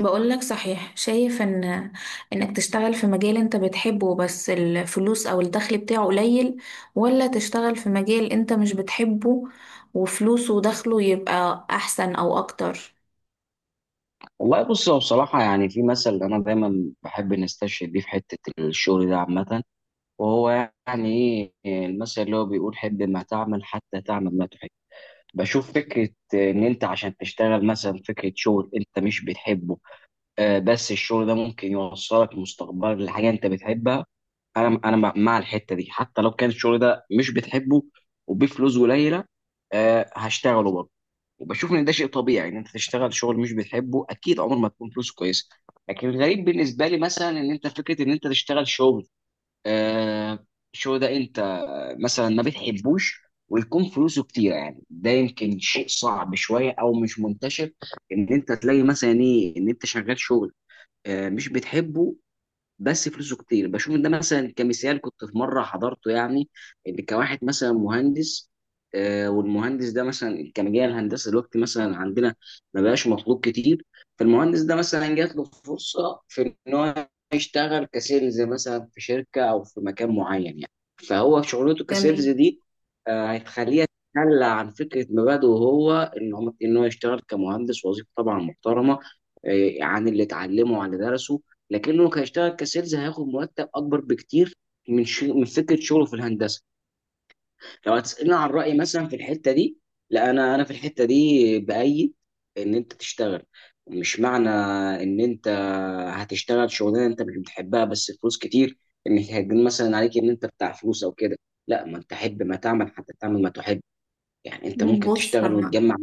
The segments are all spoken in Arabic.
بقول لك صحيح، شايف ان انك تشتغل في مجال انت بتحبه بس الفلوس او الدخل بتاعه قليل، ولا تشتغل في مجال انت مش بتحبه وفلوسه ودخله يبقى احسن او اكتر؟ والله بص، هو بصراحة يعني في مثل أنا دايما بحب نستشهد بيه في حتة الشغل ده عامة. وهو يعني إيه المثل اللي هو بيقول؟ حب ما تعمل حتى تعمل ما تحب. بشوف فكرة إن أنت عشان تشتغل مثلا، فكرة شغل أنت مش بتحبه، بس الشغل ده ممكن يوصلك مستقبلك لحاجة أنت بتحبها. أنا مع الحتة دي حتى لو كان الشغل ده مش بتحبه وبفلوس قليلة، هشتغله برضه. وبشوف ان ده شيء طبيعي ان انت تشتغل شغل مش بتحبه، اكيد عمر ما تكون فلوسه كويسه. لكن الغريب بالنسبه لي مثلا، ان انت فكره ان انت تشتغل شغل، آه شغل ده انت، مثلا ما بتحبوش، ويكون فلوسه كتيره، يعني ده يمكن شيء صعب شويه او مش منتشر ان انت تلاقي مثلا ايه ان انت شغال شغل مش بتحبه بس فلوسه كتير. بشوف ان ده مثلا كمثال كنت في مره حضرته، يعني ان كواحد مثلا مهندس، والمهندس ده مثلا كان جاي الهندسه دلوقتي مثلا عندنا ما بقاش مطلوب كتير. فالمهندس ده مثلا جات له فرصه في ان هو يشتغل كسيلز مثلا في شركه او في مكان معين يعني. فهو شغلته كسيلز تمام. دي هتخليه يتخلى عن فكره مبادئه هو، ان هو يشتغل كمهندس، وظيفه طبعا محترمه، عن اللي اتعلمه وعن اللي درسه، لكنه هيشتغل كسيلز، هياخد مرتب اكبر بكتير من فكره شغله في الهندسه. لو هتسالني عن رايي مثلا في الحته دي، لا انا في الحته دي بايد ان انت تشتغل. مش معنى ان انت هتشتغل شغلانه انت مش بتحبها بس فلوس كتير، ان هيجن مثلا عليك ان انت بتاع فلوس او كده. لا، ما انت حب ما تعمل حتى تعمل ما تحب. يعني انت ممكن بص، تشتغل وتجمع.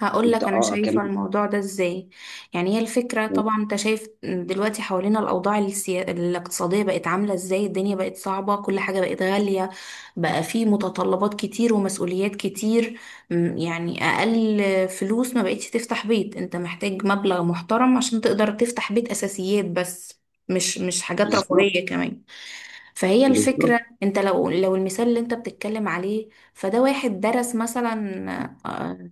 هقول انت لك انا اه شايفه كمان. الموضوع ده ازاي. يعني هي الفكره طبعا، انت شايف دلوقتي حوالينا الاوضاع الاقتصاديه بقت عامله ازاي، الدنيا بقت صعبه، كل حاجه بقت غاليه، بقى في متطلبات كتير ومسؤوليات كتير. يعني اقل فلوس ما بقتش تفتح بيت، انت محتاج مبلغ محترم عشان تقدر تفتح بيت، اساسيات بس، مش حاجات بالظبط. رفاهيه كمان. فهي بالظبط. الفكره، انت لو المثال اللي انت بتتكلم عليه، فده واحد درس مثلا آه،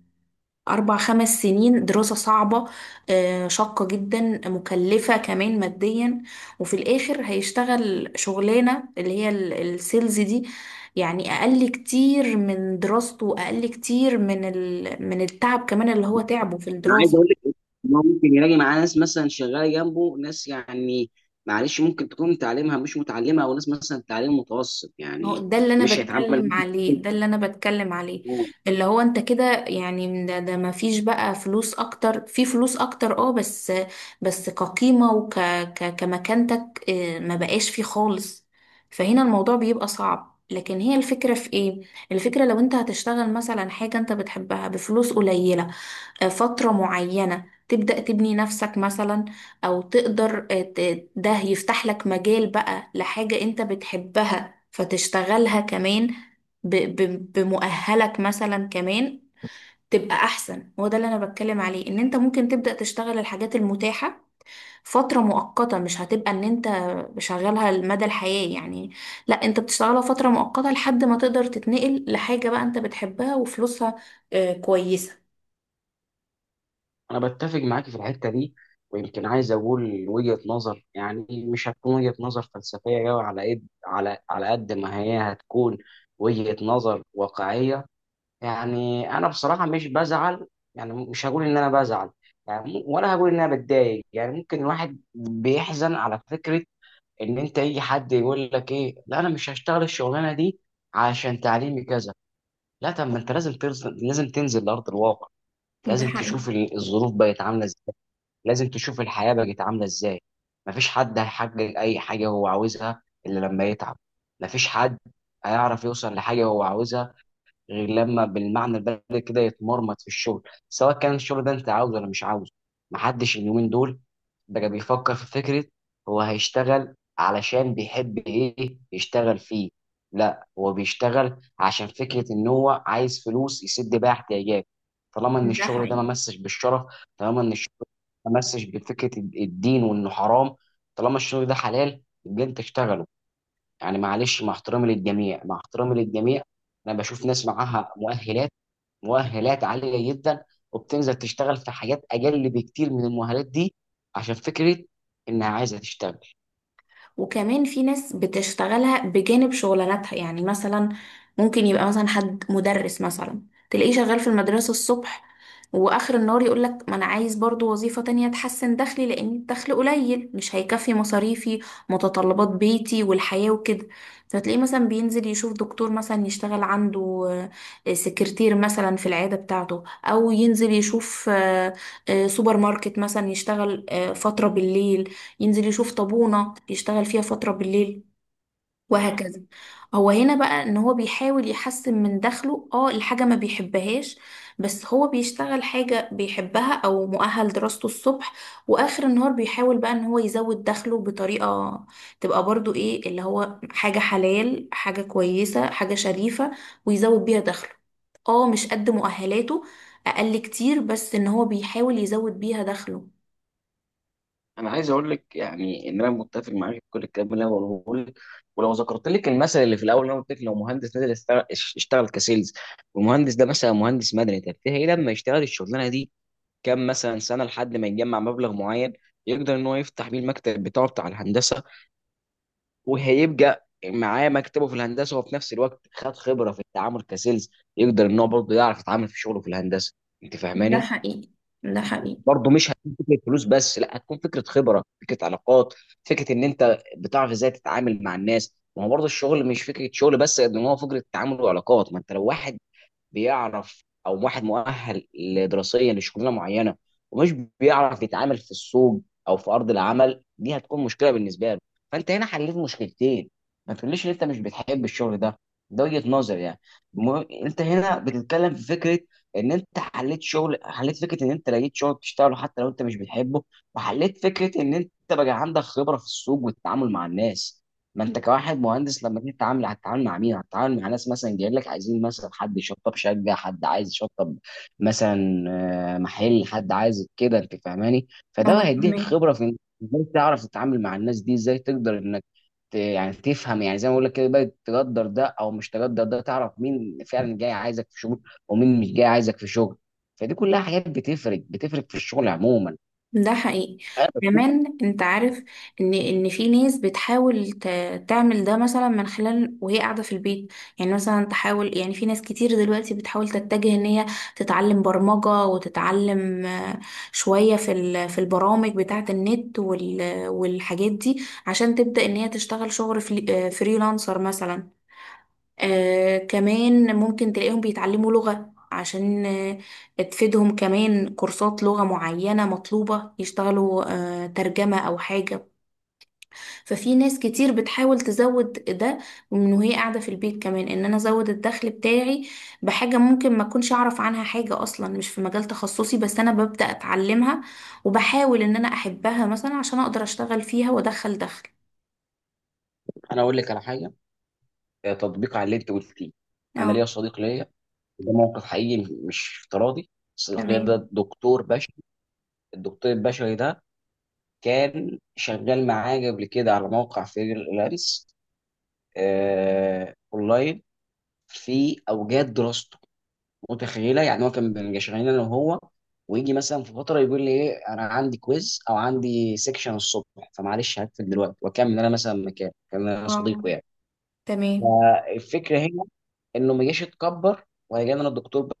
أربع خمس سنين دراسة صعبة، شاقة جدا، مكلفة كمان ماديا، وفي الآخر هيشتغل شغلانة اللي هي السيلز دي، يعني أقل كتير من دراسته، وأقل كتير من من التعب كمان اللي هو تعبه في انا عايز اقول الدراسة. لك ان هو ممكن يلاقي معاه ناس مثلا شغاله جنبه، ناس يعني معلش ممكن تكون تعليمها مش متعلمه او ناس مثلا تعليم متوسط ما هو يعني. ده اللي انا مش بتكلم هيتعامل عليه، ده اللي انا بتكلم عليه، معاهم. اللي هو انت كده يعني، من ده، ده ما فيش بقى فلوس اكتر، في فلوس اكتر اه، بس كقيمة وك ك كمكانتك، ما بقاش فيه خالص. فهنا الموضوع بيبقى صعب، لكن هي الفكرة في ايه؟ الفكرة لو انت هتشتغل مثلا حاجة انت بتحبها بفلوس قليلة فترة معينة، تبدأ تبني نفسك مثلا، أو تقدر ده يفتح لك مجال بقى لحاجة أنت بتحبها فتشتغلها كمان ب- بمؤهلك مثلا كمان، تبقى أحسن. هو ده اللي أنا بتكلم عليه، إن أنت ممكن تبدأ تشتغل الحاجات المتاحة فترة مؤقتة، مش هتبقى إن أنت شغالها مدى الحياة يعني، لا أنت بتشتغلها فترة مؤقتة لحد ما تقدر تتنقل لحاجة بقى أنت بتحبها وفلوسها كويسة. انا بتفق معاك في الحته دي. ويمكن عايز اقول وجهه نظر يعني مش هتكون وجهه نظر فلسفيه قوي على قد على قد ما هي هتكون وجهه نظر واقعيه. يعني انا بصراحه مش بزعل، يعني مش هقول ان انا بزعل، يعني ولا هقول ان انا بتضايق، يعني ممكن الواحد بيحزن على فكره ان انت يجي حد يقول لك ايه، لا انا مش هشتغل الشغلانه دي عشان تعليمي كذا. لا، طب ما انت لازم تنزل، لازم تنزل لارض الواقع. ده لازم تشوف حقيقي. الظروف بقت عامله ازاي. لازم تشوف الحياه بقت عامله ازاي. مفيش حد هيحقق اي حاجه هو عاوزها الا لما يتعب. مفيش حد هيعرف يوصل لحاجه هو عاوزها غير لما بالمعنى البلدي كده يتمرمط في الشغل، سواء كان الشغل ده انت عاوزه ولا مش عاوزه. محدش اليومين دول بقى بيفكر في فكرة هو هيشتغل علشان بيحب ايه يشتغل فيه، لا هو بيشتغل عشان فكرة ان هو عايز فلوس يسد بيها احتياجاته. طالما ان ده الشغل ده ما حقيقي. مسش بالشرف، طالما ان الشغل ده ما مسش بفكرة الدين وانه حرام، طالما الشغل ده حلال يبقى انت اشتغله. يعني معلش، مع احترامي للجميع، مع احترامي للجميع، انا بشوف ناس معاها مؤهلات، مؤهلات عاليه جدا، وبتنزل تشتغل في حاجات اقل بكتير من المؤهلات دي عشان فكره انها عايزه تشتغل. وكمان في ناس بتشتغلها بجانب شغلاناتها، يعني مثلا ممكن يبقى مثلا حد مدرس مثلا، تلاقيه شغال في المدرسة الصبح، واخر النهار يقولك ما انا عايز برضو وظيفة تانية تحسن دخلي، لان الدخل قليل مش هيكفي مصاريفي، متطلبات بيتي والحياة وكده. فتلاقيه مثلا بينزل يشوف دكتور مثلا يشتغل عنده سكرتير مثلا في العيادة بتاعته، او ينزل يشوف سوبر ماركت مثلا يشتغل فترة بالليل، ينزل يشوف طابونة يشتغل فيها فترة بالليل، وهكذا. هو هنا بقى ان هو بيحاول يحسن من دخله، اه الحاجة ما بيحبهاش، بس هو بيشتغل حاجة بيحبها او مؤهل دراسته الصبح، واخر النهار بيحاول بقى ان هو يزود دخله بطريقة تبقى برضو ايه اللي هو، حاجة حلال، حاجة كويسة، حاجة شريفة، ويزود بيها دخله. اه مش قد مؤهلاته، اقل كتير، بس ان هو بيحاول يزود بيها دخله. انا عايز اقول لك يعني ان انا متفق معاك في كل الكلام اللي انا بقوله لك، ولو ذكرت لك المثل اللي في الاول اللي انا قلت لك، لو مهندس نزل يشتغل، اشتغل كسيلز، والمهندس ده مثلا مهندس مدني، طب تلاقيه لما يشتغل الشغلانه دي كام مثلا سنه لحد ما يجمع مبلغ معين يقدر ان هو يفتح بيه المكتب بتاعه بتاع الهندسه. وهيبقى معاه مكتبه في الهندسه، وفي نفس الوقت خد خبره في التعامل كسيلز، يقدر ان هو برضه يعرف يتعامل في شغله في الهندسه. انت ده فاهماني؟ حقيقي. ده حقيقي. برضه مش هتكون فكره فلوس بس، لا هتكون فكره خبره، فكره علاقات، فكره ان انت بتعرف ازاي تتعامل مع الناس. ما هو برضه الشغل مش فكره شغل بس قد ما هو فكره تعامل وعلاقات. ما انت لو واحد بيعرف او واحد مؤهل دراسيا لشغلانه معينه ومش بيعرف يتعامل في السوق او في ارض العمل، دي هتكون مشكله بالنسبه له. فانت هنا حليت مشكلتين. ما تقوليش ان انت مش بتحب الشغل ده، ده وجهه نظر يعني. انت هنا بتتكلم في فكره ان انت حليت شغل، حليت فكره ان انت لقيت شغل تشتغله حتى لو انت مش بتحبه، وحليت فكره ان انت بقى عندك خبره في السوق والتعامل مع الناس. ما انت كواحد مهندس لما تيجي تتعامل هتتعامل مع مين؟ هتتعامل مع ناس مثلا جايين لك عايزين مثلا حد يشطب شقه، حد عايز يشطب مثلا، محل، حد عايز كده، انت فاهماني؟ فده اه هيديك فهمك. خبره في انك ازاي تعرف تتعامل مع الناس دي، ازاي تقدر انك يعني تفهم، يعني زي ما بقول لك كده بقى، تقدر ده او مش تقدر ده، تعرف مين فعلا جاي عايزك في شغل ومين مش جاي عايزك في شغل. فدي كلها حاجات بتفرق في الشغل عموما. ده حقيقي. كمان انت عارف ان في ناس بتحاول تعمل ده مثلا من خلال وهي قاعده في البيت، يعني مثلا تحاول، يعني في ناس كتير دلوقتي بتحاول تتجه ان هي تتعلم برمجه، وتتعلم شويه في في البرامج بتاعه النت والحاجات دي، عشان تبدا ان هي تشتغل شغل فريلانسر مثلا. آه كمان ممكن تلاقيهم بيتعلموا لغة، عشان آه تفيدهم كمان، كورسات لغة معينة مطلوبة، يشتغلوا آه ترجمة أو حاجة. ففي ناس كتير بتحاول تزود ده من وهي قاعدة في البيت، كمان إن أنا أزود الدخل بتاعي بحاجة ممكن ما أكونش أعرف عنها حاجة أصلا، مش في مجال تخصصي، بس أنا ببدأ أتعلمها وبحاول إن أنا أحبها مثلا عشان أقدر أشتغل فيها وأدخل دخل. انا اقول لك على حاجه، تطبيق على اللي انت قلتيه. انا ليا اه. صديق ليا، ده موقف حقيقي مش افتراضي. الصديقية تمام. ده دكتور بشري. الدكتور البشري ده كان شغال معايا قبل كده على موقع فريلانس اونلاين في اوجات دراسته. متخيله، يعني هو كان بنبقى شغالين انا وهو، ويجي مثلا في فتره يقول لي ايه انا عندي كويز او عندي سيكشن الصبح، فمعلش هقفل دلوقتي واكمل، انا مثلا مكان كان انا اه. صديقه يعني. تمام. فالفكره هنا انه ما جاش اتكبر ولا جالي انا دكتور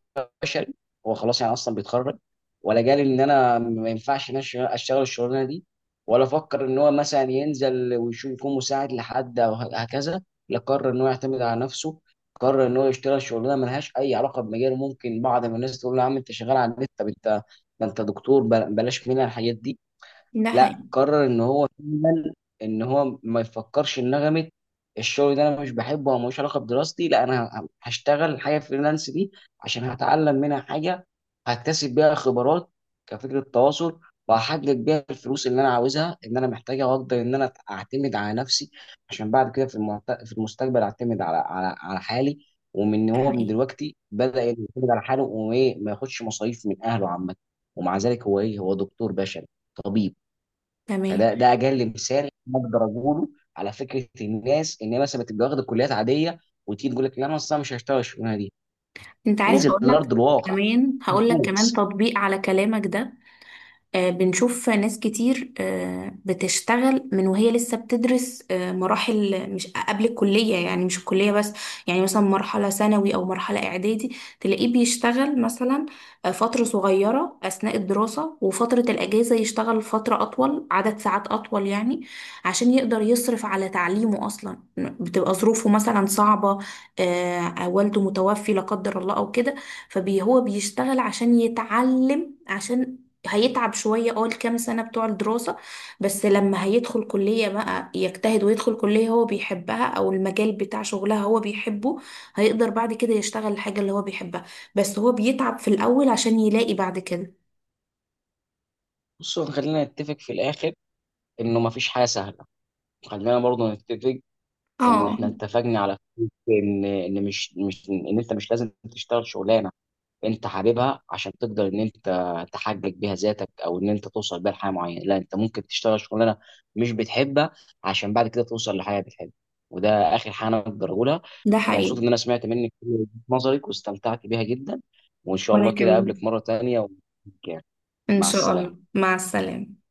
بشري هو خلاص يعني اصلا بيتخرج، ولا جالي ان انا ما ينفعش ان انا اشتغل الشغلانه دي، ولا فكر ان هو مثلا ينزل ويشوف يكون مساعد لحد او هكذا. لا، قرر ان هو يعتمد على نفسه. قرر ان هو يشتغل شغلانه ملهاش اي علاقه بمجاله. ممكن بعض من الناس تقول له يا عم انت شغال على النت، طب انت ده انت دكتور، بلاش منها الحاجات دي. ده حقيقي. لا، قرر ان هو فعلا ان هو ما يفكرش ان نغمه الشغل ده انا مش بحبه او ملوش علاقه بدراستي. لا، انا هشتغل الحاجه فريلانس دي عشان هتعلم منها حاجه، هكتسب بيها خبرات كفكره تواصل، وهحقق بيها الفلوس اللي انا عاوزها ان انا محتاجها، واقدر ان انا اعتمد على نفسي عشان بعد كده في المستقبل اعتمد على حالي. ومن ده هو من حقيقي. دلوقتي بدأ يعتمد على حاله وايه ما ياخدش مصاريف من اهله عامه. ومع ذلك هو ايه، هو دكتور بشري، طبيب. تمام. فده ده اجل مثال اقدر اقوله على فكره الناس ان هي مثلا بتبقى واخده كليات عاديه وتيجي تقول لك لا انا اصلا مش هشتغل الشغلانه دي. انت عارف، انزل هقول لك لارض الواقع. كمان بص تطبيق على كلامك ده. بنشوف ناس كتير بتشتغل من وهي لسه بتدرس، مراحل مش قبل الكلية يعني، مش الكلية بس، يعني مثلا مرحلة ثانوي أو مرحلة إعدادي تلاقيه بيشتغل مثلا فترة صغيرة أثناء الدراسة، وفترة الأجازة يشتغل فترة أطول، عدد ساعات أطول يعني، عشان يقدر يصرف على تعليمه أصلا، بتبقى ظروفه مثلا صعبة، والده متوفي لا قدر الله أو كده. فهو بيشتغل عشان يتعلم، عشان هيتعب شوية اه الكام سنة بتوع الدراسة، بس لما هيدخل كلية بقى يجتهد ويدخل كلية هو بيحبها أو المجال بتاع شغلها هو بيحبه، هيقدر بعد كده يشتغل الحاجة اللي هو بيحبها، بس هو بيتعب في الأول عشان يلاقي بعد كده. بصوا، خلينا نتفق في الاخر انه ما فيش حاجه سهله. خلينا برضو نتفق ان اه. احنا اتفقنا على فكرة ان مش ان انت مش لازم تشتغل شغلانه انت حاببها عشان تقدر ان انت تحقق بيها ذاتك او ان انت توصل بيها لحاجه معينه. لا، انت ممكن تشتغل شغلانه مش بتحبها عشان بعد كده توصل لحاجه بتحبها. وده اخر حاجه انا اقدر اقولها. ده كنت مبسوط حقيقي. ان انا سمعت منك كل وجهة نظرك واستمتعت بيها جدا، وان شاء وأنا الله كده كمان، اقابلك مره تانية و إن مع شاء الله، السلامه. مع السلامة.